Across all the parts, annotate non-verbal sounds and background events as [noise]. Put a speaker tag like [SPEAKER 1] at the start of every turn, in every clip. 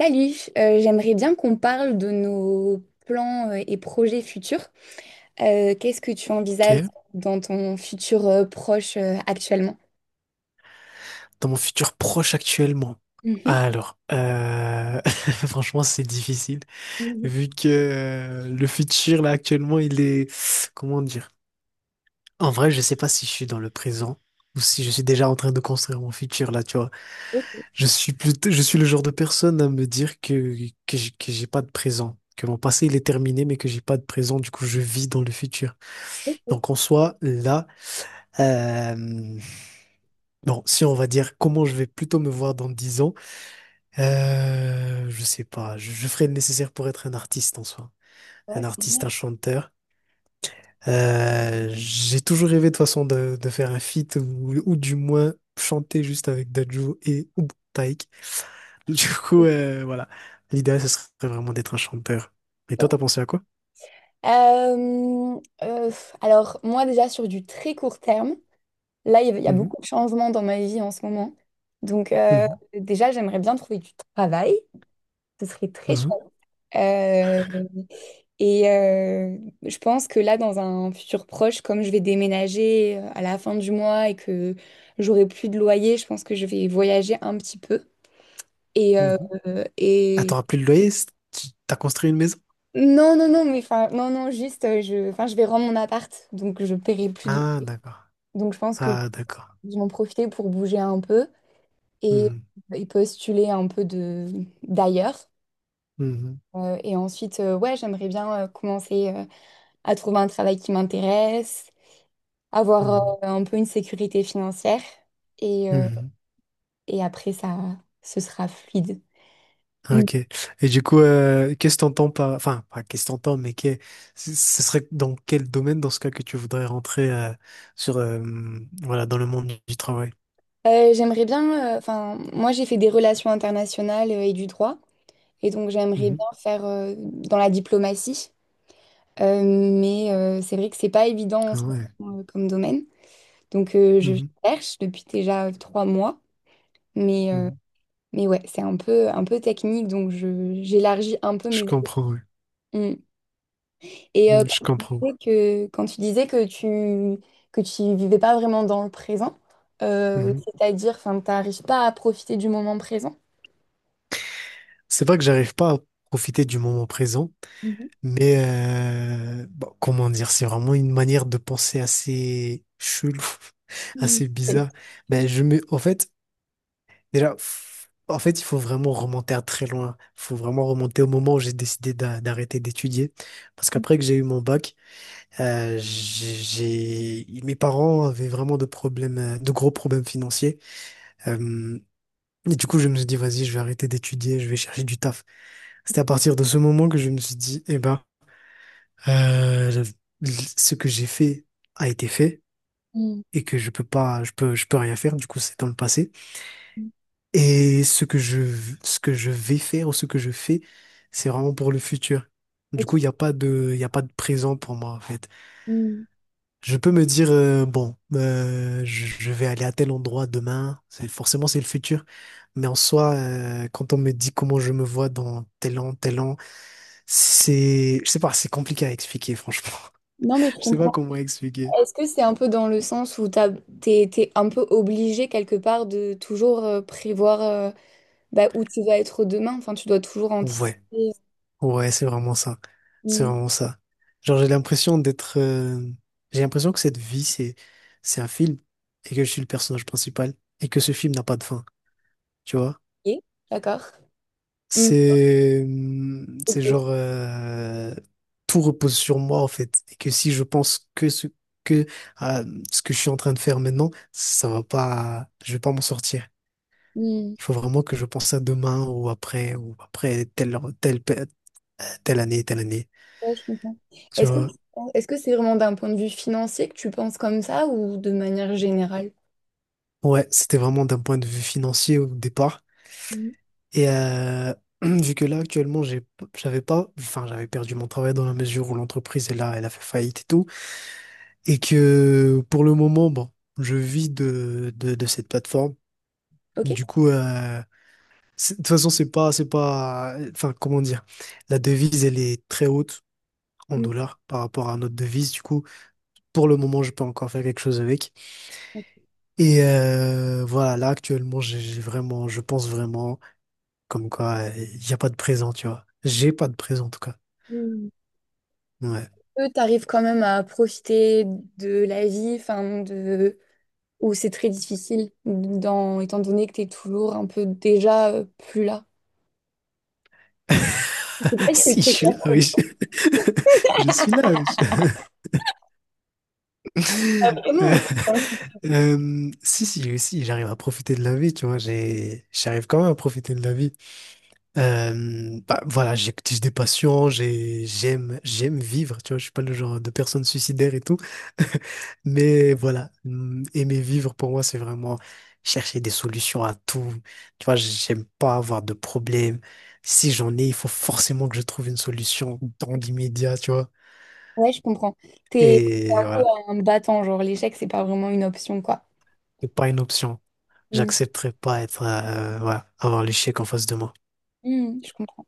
[SPEAKER 1] Salut, j'aimerais bien qu'on parle de nos plans et projets futurs. Qu'est-ce que tu envisages
[SPEAKER 2] Ok.
[SPEAKER 1] dans ton futur proche actuellement?
[SPEAKER 2] Dans mon futur proche actuellement.
[SPEAKER 1] Mhm.
[SPEAKER 2] Alors, [laughs] franchement, c'est difficile
[SPEAKER 1] Mhm.
[SPEAKER 2] vu que le futur là actuellement, il est comment dire? En vrai, je sais pas si je suis dans le présent ou si je suis déjà en train de construire mon futur là. Tu vois,
[SPEAKER 1] Ok,
[SPEAKER 2] je suis plutôt, je suis le genre de personne à me dire que j'ai pas de présent, que mon passé il est terminé, mais que j'ai pas de présent. Du coup, je vis dans le futur.
[SPEAKER 1] ok.
[SPEAKER 2] Donc en soi, là, euh, bon, si on va dire comment je vais plutôt me voir dans 10 ans. Je sais pas. Je ferai le nécessaire pour être un artiste en soi.
[SPEAKER 1] Ouais,
[SPEAKER 2] Un
[SPEAKER 1] c'est
[SPEAKER 2] artiste,
[SPEAKER 1] bien.
[SPEAKER 2] un chanteur. J'ai toujours rêvé de toute façon de faire un feat ou du moins chanter juste avec Dadju et ou Taïk. [laughs] Du coup, voilà. L'idéal, ce serait vraiment d'être un chanteur. Et toi,
[SPEAKER 1] Oh.
[SPEAKER 2] t'as pensé à quoi?
[SPEAKER 1] Alors, moi déjà sur du très court terme, là, il y a
[SPEAKER 2] Mhm,
[SPEAKER 1] beaucoup de changements dans ma vie en ce moment. Donc,
[SPEAKER 2] mhm,
[SPEAKER 1] déjà, j'aimerais bien trouver du travail. Ce serait très
[SPEAKER 2] mhm,
[SPEAKER 1] chouette. Euh, Et euh, je pense que là, dans un futur proche, comme je vais déménager à la fin du mois et que j'aurai plus de loyer, je pense que je vais voyager un petit peu. Et, euh,
[SPEAKER 2] mhm. Ah,
[SPEAKER 1] et...
[SPEAKER 2] t'auras plus de loyer? T'as construit une maison?
[SPEAKER 1] non, non, non, mais enfin, non, non, juste, je, enfin, je vais rendre mon appart, donc je paierai plus de loyer.
[SPEAKER 2] Ah, d'accord.
[SPEAKER 1] Donc je pense que
[SPEAKER 2] Ah,
[SPEAKER 1] je
[SPEAKER 2] d'accord.
[SPEAKER 1] vais en profiter pour bouger un peu et,
[SPEAKER 2] Mhm,
[SPEAKER 1] et postuler un peu de d'ailleurs.
[SPEAKER 2] mhm,
[SPEAKER 1] Et ensuite, ouais, j'aimerais bien commencer à trouver un travail qui m'intéresse, avoir
[SPEAKER 2] mhm,
[SPEAKER 1] un peu une sécurité financière et, euh,
[SPEAKER 2] mhm.
[SPEAKER 1] et après ça ce sera fluide.
[SPEAKER 2] Ah,
[SPEAKER 1] Mm.
[SPEAKER 2] ok. Et du coup, qu'est-ce que t'entends par... Enfin, pas qu'est-ce que t'entends, mais que... ce serait dans quel domaine, dans ce cas, que tu voudrais rentrer sur, voilà, dans le monde du travail?
[SPEAKER 1] J'aimerais bien, enfin moi j'ai fait des relations internationales et du droit et donc j'aimerais
[SPEAKER 2] Mhm.
[SPEAKER 1] bien faire dans la diplomatie. C'est vrai que c'est pas évident en
[SPEAKER 2] Ah
[SPEAKER 1] ce
[SPEAKER 2] ouais.
[SPEAKER 1] moment, comme domaine, donc je
[SPEAKER 2] Mhm.
[SPEAKER 1] cherche depuis déjà trois mois, mais euh,
[SPEAKER 2] Mhm.
[SPEAKER 1] mais ouais c'est un peu technique donc je j'élargis un peu
[SPEAKER 2] Je
[SPEAKER 1] mes...
[SPEAKER 2] comprends, ouais.
[SPEAKER 1] Mm. Et euh,
[SPEAKER 2] Mhm, je comprends.
[SPEAKER 1] Quand tu disais que, quand tu disais que tu vivais pas vraiment dans le présent,
[SPEAKER 2] Mhm.
[SPEAKER 1] c'est-à-dire, enfin, t'arrives pas à profiter du moment présent.
[SPEAKER 2] C'est vrai que j'arrive pas à profiter du moment présent,
[SPEAKER 1] Mhm.
[SPEAKER 2] mais bon, comment dire, c'est vraiment une manière de penser assez chelou, [laughs]
[SPEAKER 1] Mhm.
[SPEAKER 2] assez bizarre. Ben, je me... En fait, déjà, en fait, il faut vraiment remonter à très loin. Il faut vraiment remonter au moment où j'ai décidé d'arrêter d'étudier. Parce qu'après que j'ai eu mon bac, euh, j'ai, mes parents avaient vraiment de problèmes, de gros problèmes financiers. Euh, et du coup, je me suis dit, vas-y, je vais arrêter d'étudier, je vais chercher du taf. C'était à partir de ce moment que je me suis dit, eh ben, euh, ce que j'ai fait a été fait
[SPEAKER 1] Mhm.
[SPEAKER 2] et que je peux pas, je peux rien faire. Du coup, c'est dans le passé. Et ce que je vais faire ou ce que je fais, c'est vraiment pour le futur. Du coup, il y a pas de présent pour moi, en fait.
[SPEAKER 1] Mhm.
[SPEAKER 2] Je peux me dire, bon, je vais aller à tel endroit demain. Forcément, c'est le futur. Mais en soi, quand on me dit comment je me vois dans tel an, c'est, je sais pas, c'est compliqué à expliquer, franchement.
[SPEAKER 1] Non,
[SPEAKER 2] [laughs]
[SPEAKER 1] mais je
[SPEAKER 2] Je sais pas
[SPEAKER 1] comprends.
[SPEAKER 2] comment expliquer.
[SPEAKER 1] Est-ce que c'est un peu dans le sens où t'es, t'es un peu obligé quelque part de toujours prévoir, bah, où tu vas être demain? Enfin, tu dois toujours anticiper.
[SPEAKER 2] Ouais.
[SPEAKER 1] Et-
[SPEAKER 2] Ouais, c'est vraiment ça. C'est
[SPEAKER 1] Mhm.
[SPEAKER 2] vraiment ça. Genre, j'ai l'impression d'être. J'ai l'impression que cette vie, c'est un film et que je suis le personnage principal et que ce film n'a pas de fin. Tu vois?
[SPEAKER 1] Ok, d'accord. Mm,
[SPEAKER 2] C'est. C'est genre.
[SPEAKER 1] ok.
[SPEAKER 2] Tout repose sur moi, en fait. Et que si je pense que ce que à ce que je suis en train de faire maintenant, ça va pas. Je vais pas m'en sortir.
[SPEAKER 1] Mmh.
[SPEAKER 2] Il faut vraiment que je pense à demain ou après telle année, telle année.
[SPEAKER 1] Ouais, je comprends.
[SPEAKER 2] Tu
[SPEAKER 1] Est-ce que,
[SPEAKER 2] vois?
[SPEAKER 1] est-ce que c'est vraiment d'un point de vue financier que tu penses comme ça ou de manière générale?
[SPEAKER 2] Ouais, c'était vraiment d'un point de vue financier au départ.
[SPEAKER 1] Mm,
[SPEAKER 2] Et [clears throat] vu que là, actuellement, j'ai, p- j'avais pas, enfin, j'avais perdu mon travail dans la mesure où l'entreprise, elle a fait faillite et tout. Et que pour le moment, bon, je vis de cette plateforme.
[SPEAKER 1] ok.
[SPEAKER 2] Du coup, de toute façon, c'est pas, enfin, comment dire, la devise, elle est très haute en
[SPEAKER 1] Mm,
[SPEAKER 2] dollars par rapport à notre devise. Du coup, pour le moment, je peux encore faire quelque chose avec. Et voilà, là, actuellement, je pense vraiment. Comme quoi, il n'y a pas de présent, tu vois. J'ai pas de présent, en tout cas.
[SPEAKER 1] mm.
[SPEAKER 2] Ouais.
[SPEAKER 1] Eux, t'arrives quand même à profiter de la vie, enfin de, où c'est très difficile, dans... étant donné que t'es toujours un peu déjà plus là. Je sais
[SPEAKER 2] [laughs]
[SPEAKER 1] pas si c'est
[SPEAKER 2] Si, je
[SPEAKER 1] très
[SPEAKER 2] suis
[SPEAKER 1] clair.
[SPEAKER 2] là, oui. Je, [laughs] je suis là, oui. [laughs] Euh,
[SPEAKER 1] Comment? Hein.
[SPEAKER 2] si, oui, si, j'arrive à profiter de la vie, tu vois. J'ai, j'arrive quand même à profiter de la vie. Bah, voilà, j'écoute des passions, j'aime vivre, tu vois, je suis pas le genre de personne suicidaire et tout. [laughs] Mais voilà, aimer vivre pour moi, c'est vraiment chercher des solutions à tout. Tu vois, j'aime pas avoir de problème. Si j'en ai, il faut forcément que je trouve une solution dans l'immédiat, tu vois.
[SPEAKER 1] Ouais, je comprends. T'es T'es
[SPEAKER 2] Et
[SPEAKER 1] un peu
[SPEAKER 2] voilà,
[SPEAKER 1] un battant, genre l'échec, c'est pas vraiment une option, quoi.
[SPEAKER 2] c'est pas une option.
[SPEAKER 1] Mm.
[SPEAKER 2] J'accepterai pas être, voilà, avoir l'échec en face de moi.
[SPEAKER 1] Mm, je comprends.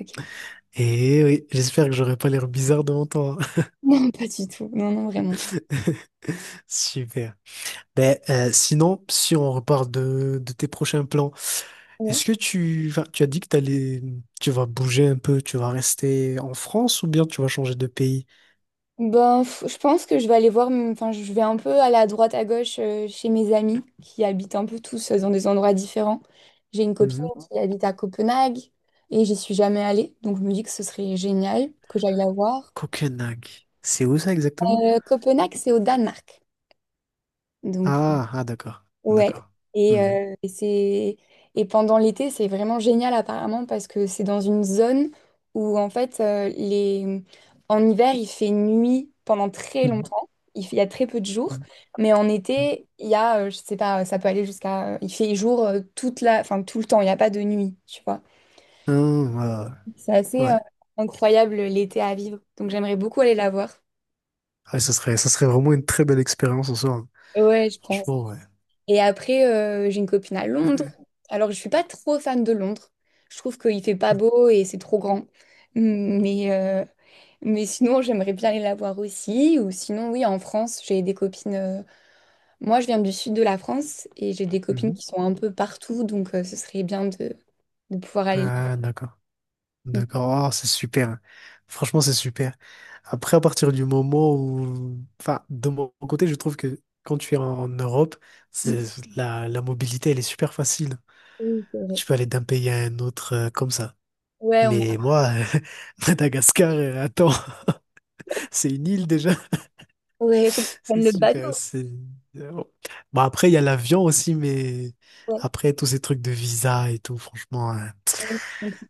[SPEAKER 1] Ok. [laughs]
[SPEAKER 2] Et oui, j'espère que j'aurai pas l'air bizarre devant toi.
[SPEAKER 1] Non, pas du tout. Non, non, vraiment.
[SPEAKER 2] [laughs] Super. Ben, sinon, si on reparle de tes prochains plans, est-ce que tu, enfin, tu as dit que t'allais, tu vas bouger un peu, tu vas rester en France ou bien tu vas changer de pays?
[SPEAKER 1] Ben, f- je pense que je vais aller voir, m- enfin, je vais un peu aller à droite à gauche chez mes amis qui habitent un peu tous dans des endroits différents. J'ai une copine
[SPEAKER 2] Mhm.
[SPEAKER 1] qui habite à Copenhague et j'y suis jamais allée, donc je me dis que ce serait génial que j'aille la voir.
[SPEAKER 2] Copenhague. C'est où ça exactement?
[SPEAKER 1] Copenhague, c'est au Danemark, donc...
[SPEAKER 2] Ah, ah d'accord,
[SPEAKER 1] Ouais,
[SPEAKER 2] d'accord.
[SPEAKER 1] et,
[SPEAKER 2] Mhm.
[SPEAKER 1] euh, et c'est et pendant l'été, c'est vraiment génial apparemment parce que c'est dans une zone où en fait en hiver, il fait nuit pendant très
[SPEAKER 2] Mhm.
[SPEAKER 1] longtemps, il fait- il y a très peu de jours,
[SPEAKER 2] Mhm.
[SPEAKER 1] mais en été, il y a je sais pas, ça peut aller jusqu'à il fait jour toute la enfin tout le temps, il n'y a pas de nuit, tu vois.
[SPEAKER 2] Ah,
[SPEAKER 1] C'est
[SPEAKER 2] ouais.
[SPEAKER 1] assez
[SPEAKER 2] Ouais,
[SPEAKER 1] incroyable l'été à vivre. Donc j'aimerais beaucoup aller la voir.
[SPEAKER 2] Ouais, ça serait vraiment une très belle expérience en soi. Hein.
[SPEAKER 1] Ouais, je pense.
[SPEAKER 2] Franchement, ouais.
[SPEAKER 1] Et après, j'ai une copine à Londres.
[SPEAKER 2] [clears throat]
[SPEAKER 1] Alors, je suis pas trop fan de Londres. Je trouve qu'il fait pas beau et c'est trop grand. Mmh, mais sinon, j'aimerais bien aller la voir aussi. Ou sinon, oui, en France, j'ai des copines. Moi, je viens du sud de la France et j'ai des copines
[SPEAKER 2] Mhm.
[SPEAKER 1] qui sont un peu partout. Donc, ce serait bien de pouvoir aller. Là.
[SPEAKER 2] Ah, d'accord. D'accord. Oh, c'est super. Hein. Franchement, c'est super. Après, à partir du moment où... Enfin, de mon côté, je trouve que quand tu es en Europe,
[SPEAKER 1] Mhm.
[SPEAKER 2] c'est, la mobilité, elle est super facile.
[SPEAKER 1] C'est vrai.
[SPEAKER 2] Tu peux aller d'un pays à un autre comme ça.
[SPEAKER 1] Ouais, on...
[SPEAKER 2] Mais moi, [laughs] Madagascar, attends, [laughs] c'est une île déjà.
[SPEAKER 1] Ouais, faut
[SPEAKER 2] [laughs] C'est
[SPEAKER 1] prendre le
[SPEAKER 2] super.
[SPEAKER 1] bateau.
[SPEAKER 2] C'est... Bon, après, il y a l'avion aussi, mais
[SPEAKER 1] Ouais.
[SPEAKER 2] après, tous ces trucs de visa et tout, franchement, hein,
[SPEAKER 1] Ouais.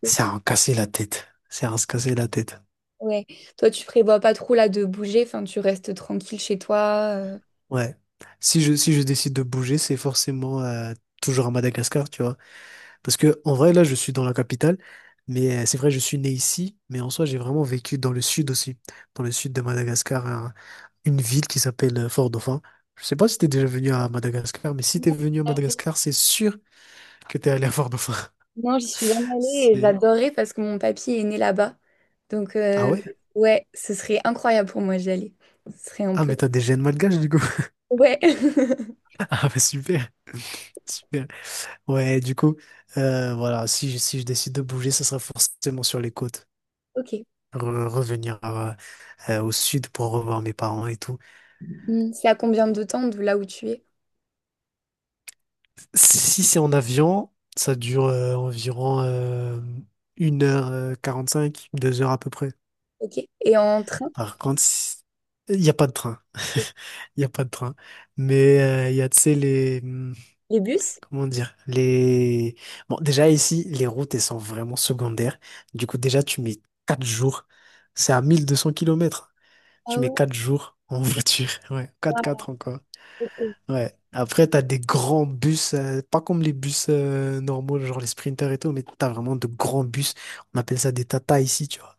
[SPEAKER 2] c'est à en casser la tête. C'est à en se casser la tête.
[SPEAKER 1] Ouais. Toi, tu prévois pas trop là de bouger. Enfin, tu restes tranquille chez toi. Euh?
[SPEAKER 2] Ouais. Si je décide de bouger, c'est forcément toujours à Madagascar, tu vois. Parce que, en vrai, là, je suis dans la capitale, mais c'est vrai, je suis né ici, mais en soi, j'ai vraiment vécu dans le sud aussi, dans le sud de Madagascar, hein, une ville qui s'appelle Fort-Dauphin. Je sais pas si t'es déjà venu à Madagascar, mais si t'es venu à Madagascar, c'est sûr que t'es allé à Fort-Dauphin.
[SPEAKER 1] Non, j'y suis jamais allée et
[SPEAKER 2] C'est...
[SPEAKER 1] j'adorerais parce que mon papy est né là-bas. Donc,
[SPEAKER 2] Ah ouais?
[SPEAKER 1] ouais, ce serait incroyable pour moi d'y aller. Ce serait un
[SPEAKER 2] Ah,
[SPEAKER 1] peu...
[SPEAKER 2] mais t'as des gènes malgaches, du coup. [laughs]
[SPEAKER 1] Ouais. [laughs]
[SPEAKER 2] Ah, bah super, super. Ouais, du coup, voilà, si, si je décide de bouger, ça sera forcément sur les côtes.
[SPEAKER 1] Ok.
[SPEAKER 2] Revenir au sud pour revoir mes parents et tout.
[SPEAKER 1] Hmm, c'est à combien de temps de là où tu es?
[SPEAKER 2] Si, si c'est en avion, ça dure environ une heure quarante-cinq, 2 heures à peu près.
[SPEAKER 1] Ok. Et en train,
[SPEAKER 2] Par contre, il n'y a pas de train. Il n'y a pas de train. Mais il y a, tu sais, les... hmm,
[SPEAKER 1] les bus?
[SPEAKER 2] comment dire? Les... Bon, déjà ici, les routes, elles sont vraiment secondaires. Du coup, déjà, tu mets 4 jours. C'est à 1200 kilomètres.
[SPEAKER 1] Ah
[SPEAKER 2] Tu mets
[SPEAKER 1] ouais,
[SPEAKER 2] 4 jours en [laughs] voiture. Ouais, quatre
[SPEAKER 1] waouh,
[SPEAKER 2] quatre encore. Ouais. Après, t'as des grands bus, pas comme les bus normaux, genre les sprinters et tout, mais t'as vraiment de grands bus. On appelle ça des Tata ici, tu vois.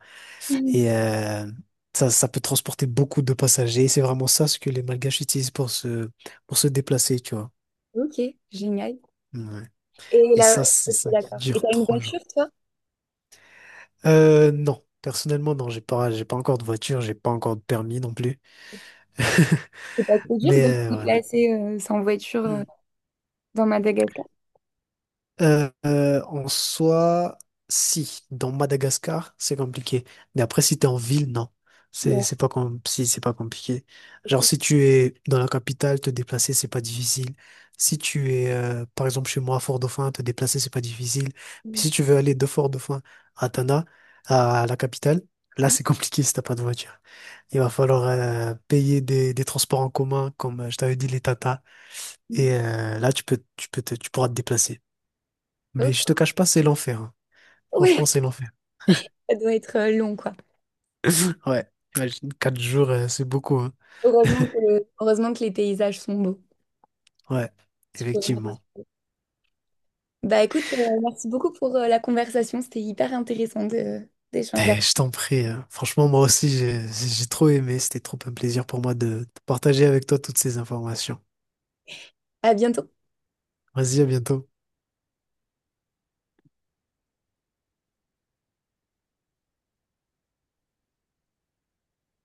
[SPEAKER 2] Et ça, ça peut transporter beaucoup de passagers. C'est vraiment ça ce que les Malgaches utilisent pour se déplacer, tu vois.
[SPEAKER 1] ok, génial.
[SPEAKER 2] Ouais.
[SPEAKER 1] Et
[SPEAKER 2] Et
[SPEAKER 1] là,
[SPEAKER 2] ça, c'est
[SPEAKER 1] ok,
[SPEAKER 2] ça qui
[SPEAKER 1] d'accord. Et
[SPEAKER 2] dure 3 jours.
[SPEAKER 1] toi,
[SPEAKER 2] Non, personnellement, non, j'ai pas encore de voiture, j'ai pas encore de permis non plus. [laughs]
[SPEAKER 1] c'est pas trop dur
[SPEAKER 2] Mais
[SPEAKER 1] de te
[SPEAKER 2] voilà.
[SPEAKER 1] déplacer sans voiture, dans Madagascar?
[SPEAKER 2] En soi, si, dans Madagascar, c'est compliqué. Mais après, si t'es en ville, non.
[SPEAKER 1] Ouais.
[SPEAKER 2] C'est pas com- si, c'est pas compliqué. Genre, si tu es dans la capitale, te déplacer, c'est pas difficile. Si tu es, par exemple, chez moi, à Fort-Dauphin, te déplacer, c'est pas difficile. Mais
[SPEAKER 1] Hmm.
[SPEAKER 2] si tu veux aller de Fort-Dauphin à Tana, à la capitale, là, c'est [laughs] compliqué si t'as pas de voiture. Il va falloir payer des transports en commun, comme je t'avais dit, les tata. Et là, tu pourras te déplacer. Mais je
[SPEAKER 1] Ok.
[SPEAKER 2] te cache pas, c'est l'enfer. Hein. Franchement,
[SPEAKER 1] Ouais,
[SPEAKER 2] c'est l'enfer.
[SPEAKER 1] [laughs] ça doit être long, quoi.
[SPEAKER 2] [laughs] Ouais, imagine, 4 jours, c'est beaucoup. Hein.
[SPEAKER 1] Heureusement que, heureusement que les paysages sont beaux.
[SPEAKER 2] Ouais, effectivement.
[SPEAKER 1] Bah écoute, merci beaucoup pour la conversation. C'était hyper intéressant de d'échanger.
[SPEAKER 2] Eh, je t'en prie. Hein. Franchement, moi aussi, j'ai trop aimé. C'était trop un plaisir pour moi de partager avec toi toutes ces informations.
[SPEAKER 1] À bientôt.
[SPEAKER 2] Vas-y, à bientôt.